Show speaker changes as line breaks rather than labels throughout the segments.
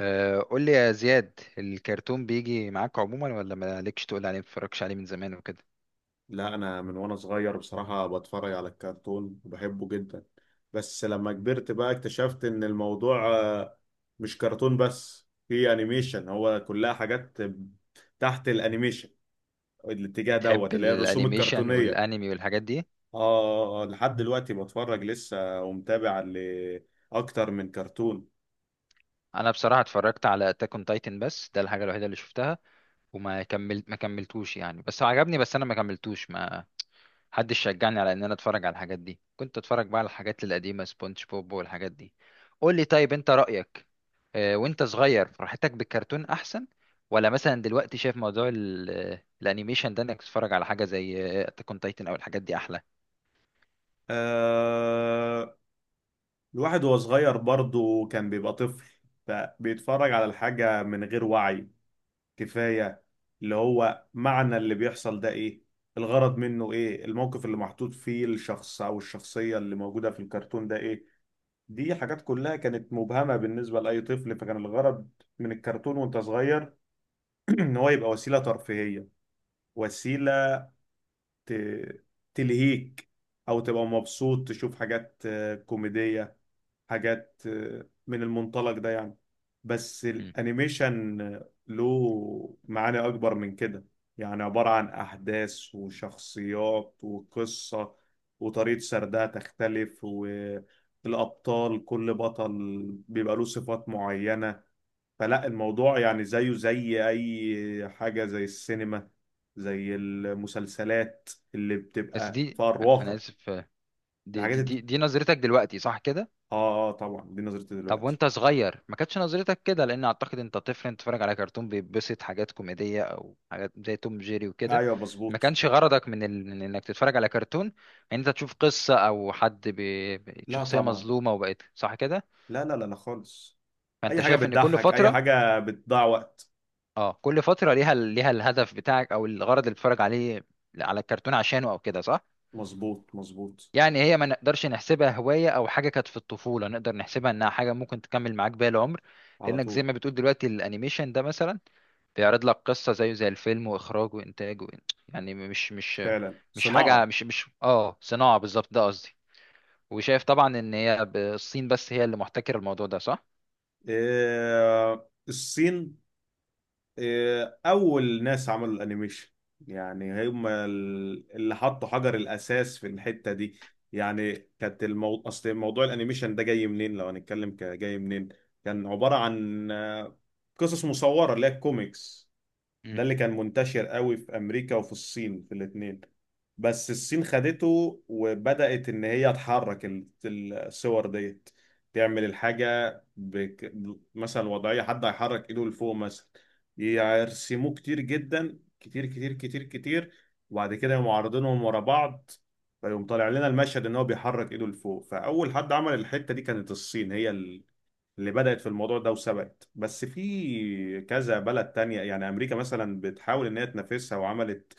قول لي يا زياد، الكرتون بيجي معاك عموما ولا مالكش؟ تقول عليه متفرجش عليه من زمان وكده.
لا، انا من وانا صغير بصراحة بتفرج على الكرتون وبحبه جدا. بس لما كبرت بقى اكتشفت ان الموضوع مش كرتون بس، في انيميشن. هو كلها حاجات تحت الانيميشن، الاتجاه دوت
تحب
اللي هي الرسوم
الانيميشن
الكرتونية.
والانمي والحاجات دي؟
اه، لحد دلوقتي بتفرج لسه ومتابع لأكتر من كرتون.
انا بصراحه اتفرجت على اتاك اون تايتن، بس ده الحاجه الوحيده اللي شفتها. وما كملت ما كملتوش يعني، بس هو عجبني، بس انا ما كملتوش. ما محدش شجعني على ان انا اتفرج على الحاجات دي. كنت اتفرج بقى على الحاجات القديمه، سبونج بوب والحاجات دي. قول لي، طيب انت رايك؟ وانت صغير فرحتك بالكرتون احسن، ولا مثلا دلوقتي شايف موضوع الانيميشن ده، انك تتفرج على حاجه زي اتاك اون تايتن او الحاجات دي احلى؟
آه، الواحد وهو صغير برضه كان بيبقى طفل، فبيتفرج على الحاجة من غير وعي كفاية. اللي هو معنى اللي بيحصل ده ايه، الغرض منه ايه، الموقف اللي محطوط فيه الشخص او الشخصية اللي موجودة في الكرتون ده ايه. دي حاجات كلها كانت مبهمة بالنسبة لأي طفل، فكان الغرض من الكرتون وانت صغير ان هو يبقى وسيلة ترفيهية، وسيلة ت- تلهيك، او تبقى مبسوط تشوف حاجات كوميدية، حاجات من المنطلق ده يعني. بس
مم.
الانيميشن له معاني اكبر من كده. يعني عبارة عن احداث وشخصيات وقصة، وطريقة سردها تختلف، والابطال كل بطل بيبقى له صفات معينة. فلا، الموضوع يعني زيه زي اي حاجة، زي السينما، زي المسلسلات اللي
بس
بتبقى في
دي، انا
الواقع.
اسف. دي
الحاجات
دي
الت-
دي, دي نظرتك دلوقتي، صح كده؟
اه، طبعا دي نظرتي
طب
دلوقتي.
وانت صغير ما كانتش نظرتك كده، لان اعتقد انت طفل، انت بتتفرج على كرتون بيتبسط، حاجات كوميديه او حاجات زي توم جيري وكده.
ايوه
ما
مظبوط.
كانش غرضك من, ال... من انك تتفرج على كرتون ان انت تشوف قصه او حد
لا
شخصيه
طبعا،
مظلومه وبقت، صح كده؟
لا لا لا لا خالص.
فانت
اي حاجه
شايف ان كل
بتضحك، اي
فتره
حاجه بتضيع وقت.
اه كل فتره ليها الهدف بتاعك، او الغرض اللي بتتفرج عليه على الكرتون عشانه او كده، صح.
مظبوط مظبوط.
يعني هي ما نقدرش نحسبها هوايه او حاجه كانت في الطفوله، نقدر نحسبها انها حاجه ممكن تكمل معاك باقي العمر.
على
لانك زي
طول.
ما بتقول دلوقتي الانيميشن ده مثلا بيعرض لك قصة زيه زي الفيلم وإخراجه وإنتاجه. يعني مش مش
فعلا
مش حاجة،
صناعه.
مش مش اه صناعة بالظبط، ده قصدي. وشايف طبعا إن هي الصين بس هي اللي محتكرة الموضوع ده، صح؟
إيه الصين؟ إيه، اول ناس عملوا الانيميشن يعني هم اللي حطوا حجر الاساس في الحته دي. يعني كانت اصل موضوع الانيميشن ده جاي منين، لو هنتكلم كجاي منين. كان عباره عن قصص مصوره اللي هي الكوميكس.
مم.
ده اللي كان منتشر قوي في امريكا وفي الصين، في الاتنين. بس الصين خدته وبدأت ان هي تحرك الصور ديت، تعمل الحاجة مثلا وضعية حد هيحرك ايده لفوق مثلا، يرسموه كتير جدا، كتير كتير كتير كتير، وبعد كده يقوموا عارضينهم ورا بعض، فيقوم طالع لنا المشهد ان هو بيحرك ايده لفوق. فاول حد عمل الحتة دي كانت الصين، هي اللي بدأت في الموضوع ده وسبقت. بس في كذا بلد تانية، يعني أمريكا مثلا بتحاول إن هي تنافسها، وعملت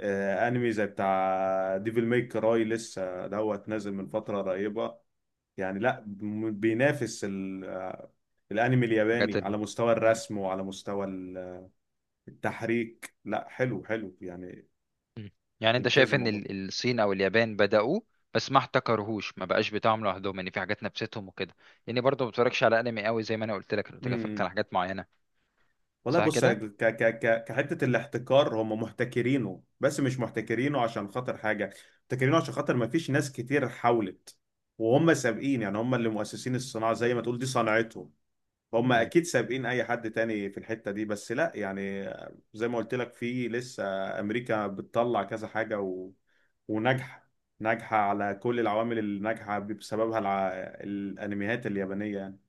أنمي زي بتاع ديفل ميك كراي، لسه دوت نازل من فترة قريبة. يعني لا، بينافس الأنمي
حاجات
الياباني على
ال...
مستوى
مم.
الرسم وعلى مستوى التحريك، لا حلو حلو يعني.
مم. يعني أنت
ممتاز
شايف إن
الموضوع
الصين أو اليابان بدأوه، بس ما احتكرهوش، ما بقاش بتاعهم لوحدهم، يعني في حاجات نفستهم وكده. يعني برضه ما بتفرجش على أنمي قوي، زي ما أنا قلت لك أنا بتفرج
ده.
على حاجات معينة.
والله
صح
بص،
كده؟
ك ك ك كحته الاحتكار هم محتكرينه، بس مش محتكرينه عشان خاطر حاجه، محتكرينه عشان خاطر ما فيش ناس كتير حاولت، وهم سابقين. يعني هم اللي مؤسسين الصناعه، زي ما تقول دي صنعتهم، هم اكيد سابقين اي حد تاني في الحته دي. بس لا يعني، زي ما قلت لك، في لسه امريكا بتطلع كذا حاجه وناجحه، ناجحه على كل العوامل اللي ناجحه بسببها الانميات اليابانيه يعني.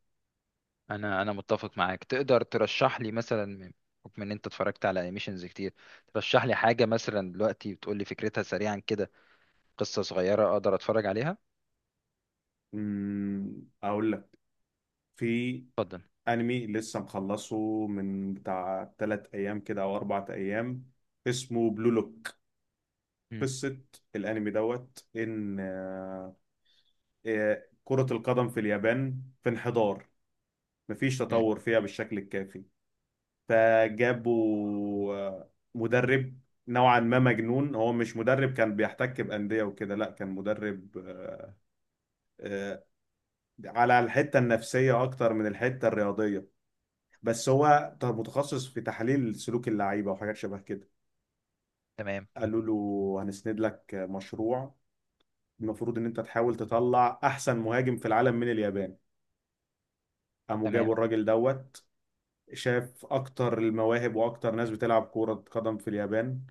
انا متفق معاك. تقدر ترشح لي مثلا، بحكم ان انت اتفرجت على انيميشنز كتير، ترشح لي حاجه مثلا دلوقتي، بتقول لي فكرتها سريعا كده، قصه صغيره اقدر اتفرج عليها؟
اقول لك، في
اتفضل.
انمي لسه مخلصه من بتاع تلات ايام كده او اربع ايام، اسمه بلو لوك.
مم.
قصة الانمي دوت ان كرة القدم في اليابان في انحدار، مفيش
مم.
تطور فيها بالشكل الكافي. فجابوا مدرب نوعا ما مجنون. هو مش مدرب كان بيحتك بأندية وكده، لا، كان مدرب آه، على الحتة النفسية اكتر من الحتة الرياضية. بس هو متخصص في تحليل سلوك اللعيبه وحاجات شبه كده.
تمام،
قالوا له: هنسند لك مشروع، المفروض ان انت تحاول تطلع احسن مهاجم في العالم من اليابان. قاموا
تمام.
جابوا الراجل دوت، شاف اكتر المواهب واكتر ناس بتلعب كرة قدم في اليابان،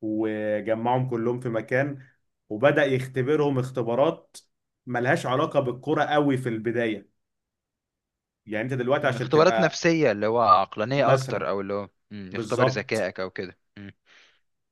وجمعهم كلهم في مكان، وبدأ يختبرهم اختبارات ملهاش علاقة بالكرة قوي في البداية. يعني انت دلوقتي
مم.
عشان
اختبارات
تبقى
نفسيه، اللي هو عقلانيه
مثلا.
اكتر، او اللي هو يختبر
بالظبط،
ذكائك او كده. مم.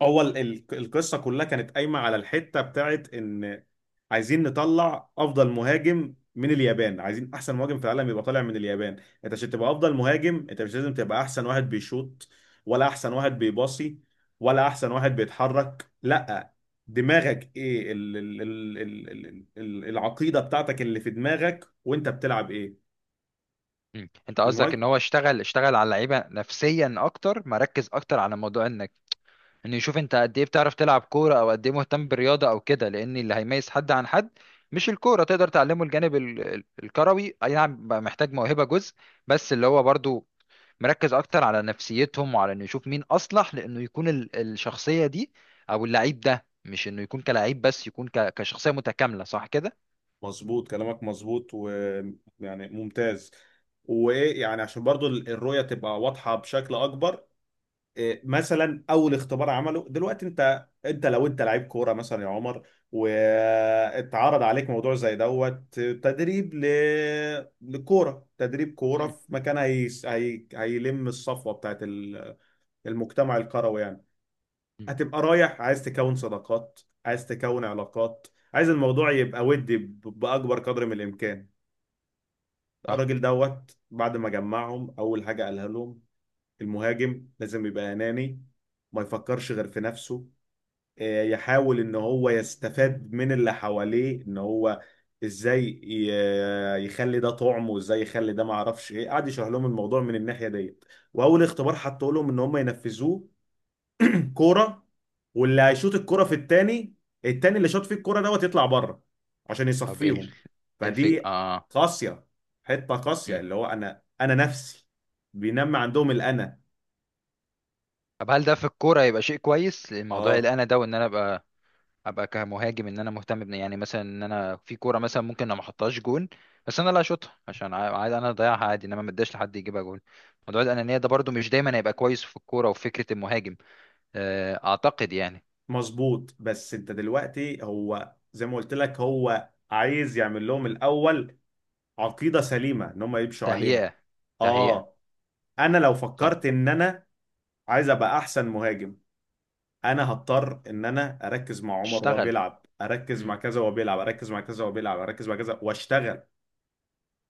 هو القصه كلها كانت قايمه على الحته بتاعت ان عايزين نطلع افضل مهاجم من اليابان، عايزين احسن مهاجم في العالم يبقى طالع من اليابان. انت عشان تبقى افضل مهاجم، انت مش لازم تبقى احسن واحد بيشوط، ولا احسن واحد بيباصي، ولا احسن واحد بيتحرك. لا، دماغك ايه، ال ال ال ال ال ال العقيده بتاعتك اللي في دماغك وانت بتلعب ايه.
مم. انت قصدك
المهاجم
ان هو اشتغل على اللعيبه نفسيا اكتر، مركز اكتر على موضوع ان يشوف انت قد ايه بتعرف تلعب كوره، او قد ايه مهتم بالرياضه او كده، لان اللي هيميز حد عن حد مش الكوره. تقدر تعلمه الجانب الكروي، اي نعم بقى محتاج موهبه جزء، بس اللي هو برضو مركز اكتر على نفسيتهم، وعلى انه يشوف مين اصلح لانه يكون الشخصيه دي، او اللعيب ده مش انه يكون كلاعب بس، يكون كشخصيه متكامله، صح كده؟
مظبوط كلامك، مظبوط ويعني ممتاز. وايه يعني، عشان برضو الرؤية تبقى واضحة بشكل اكبر. إيه مثلا اول اختبار عمله؟ دلوقتي انت لو انت لعيب كورة مثلا يا عمر، واتعرض عليك موضوع زي دوت، تدريب لكورة، تدريب كورة
مم.
في مكان هيلم الصفوة بتاعت المجتمع الكروي يعني.
مم.
هتبقى رايح عايز تكون صداقات، عايز تكون علاقات، عايز الموضوع يبقى ودي بأكبر قدر من الإمكان.
صح.
الراجل دوت بعد ما جمعهم، اول حاجه قالها لهم: المهاجم لازم يبقى اناني، ما يفكرش غير في نفسه، يحاول ان هو يستفاد من اللي حواليه. ان هو ازاي يخلي ده طعم، وازاي يخلي ده ما اعرفش ايه، قعد يشرح لهم الموضوع من الناحيه ديت. واول اختبار حطوا لهم ان هم ينفذوه: الكوره، واللي هيشوط الكوره في التاني، التاني اللي شاط فيه الكوره دوت يطلع بره، عشان
طب ايه
يصفيهم.
الفكرة؟
فدي
اه.
قاسيه، حته قاسيه،
مم.
اللي هو انا نفسي بينمي عندهم الانا.
طب هل ده في الكوره يبقى شيء كويس، الموضوع اللي
اه
انا ده، وان انا ابقى كمهاجم، ان انا مهتم بن، يعني مثلا ان انا في كوره مثلا ممكن انا ما احطهاش جون، بس انا اللي اشوطها عشان عا- عايز انا اضيعها عادي، انما ما اداش لحد يجيبها جون. موضوع الانانيه ده برضو مش دايما هيبقى كويس في الكوره وفي فكره المهاجم، اعتقد يعني.
مظبوط. بس انت دلوقتي، هو زي ما قلت لك، هو عايز يعمل لهم الاول عقيده سليمه ان هم يمشوا عليها.
تهيئه، تهيئه.
اه. انا لو
صح.
فكرت ان انا عايز ابقى احسن مهاجم، انا هضطر ان انا اركز مع عمر وهو
اشتغل.
بيلعب، اركز
مم.
مع كذا وهو بيلعب، اركز مع كذا وهو بيلعب، اركز مع كذا واشتغل.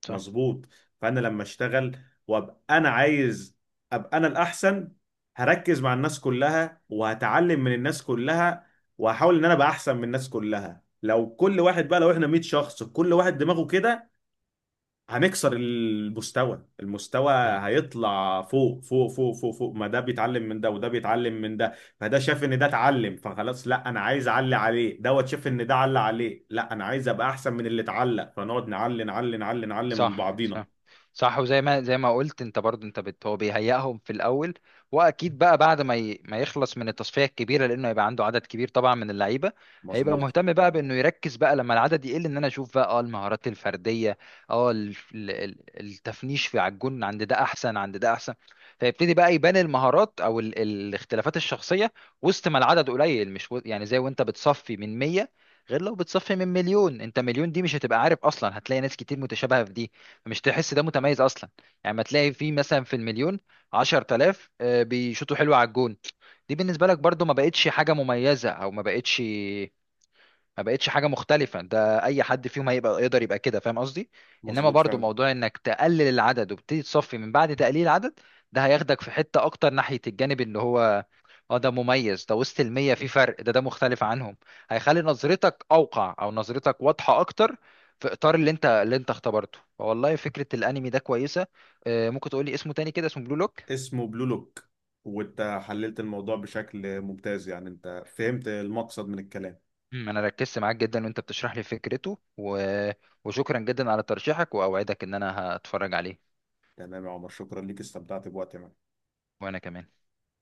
صح،
مظبوط. فانا لما اشتغل وابقى انا عايز ابقى انا الاحسن، هركز مع الناس كلها وهتعلم من الناس كلها، وهحاول ان انا ابقى احسن من الناس كلها. لو كل واحد بقى، لو احنا 100 شخص كل واحد دماغه كده، هنكسر المستوى، المستوى هيطلع فوق فوق فوق فوق فوق، ما ده بيتعلم من ده وده بيتعلم من ده. فده شاف ان ده اتعلم فخلاص، لا انا عايز اعلي عليه، دوت شاف ان ده علق عليه، لا انا عايز ابقى احسن من اللي اتعلق، فنقعد نعلي نعلي نعلي نعلي من
صح،
بعضينا.
صح، صح. وزي ما قلت انت برضو، انت بت هو بيهيئهم في الاول. واكيد بقى بعد ما يخلص من التصفيه الكبيره، لانه هيبقى عنده عدد كبير طبعا من اللعيبه، هيبقى
مظبوط
مهتم بقى بانه يركز بقى لما العدد يقل، ان انا اشوف بقى اه المهارات الفرديه، اه التفنيش في على الجون، عند ده احسن، عند ده احسن، فيبتدي بقى يبان المهارات او الاختلافات الشخصيه وسط ما العدد قليل. مش و... يعني زي وانت بتصفي من 100، غير لو بتصفي من مليون. انت مليون دي مش هتبقى عارف، اصلا هتلاقي ناس كتير متشابهة في دي، مش تحس ده متميز اصلا. يعني ما تلاقي في مثلا في المليون 10,000 بيشوطوا حلو على الجون، دي بالنسبة لك برضو ما بقتش حاجة مميزة، او ما بقتش حاجة مختلفة، ده اي حد فيهم هيبقى يقدر يبقى كده، فاهم قصدي؟ انما
مظبوط
برضو
فعلا.
موضوع انك تقلل العدد وبتبتدي تصفي من بعد تقليل العدد، ده هياخدك في حتة اكتر ناحية الجانب اللي هو اه ده مميز، ده وسط المية في فرق، ده ده مختلف عنهم. هيخلي نظرتك أوقع أو نظرتك واضحة أكتر في إطار اللي أنت اختبرته. فوالله فكرة الأنمي ده كويسة. ممكن تقولي اسمه تاني كده؟ اسمه بلو لوك.
اسمه بلو لوك. وانت حللت الموضوع بشكل ممتاز، يعني انت فهمت المقصد من الكلام.
مم، أنا ركزت معاك جدا وأنت بتشرح لي فكرته و... وشكرا جدا على ترشيحك، وأوعدك إن أنا هتفرج عليه.
تمام يا عمر، شكرا ليك، استمتعت بوقتي معاك.
وأنا كمان.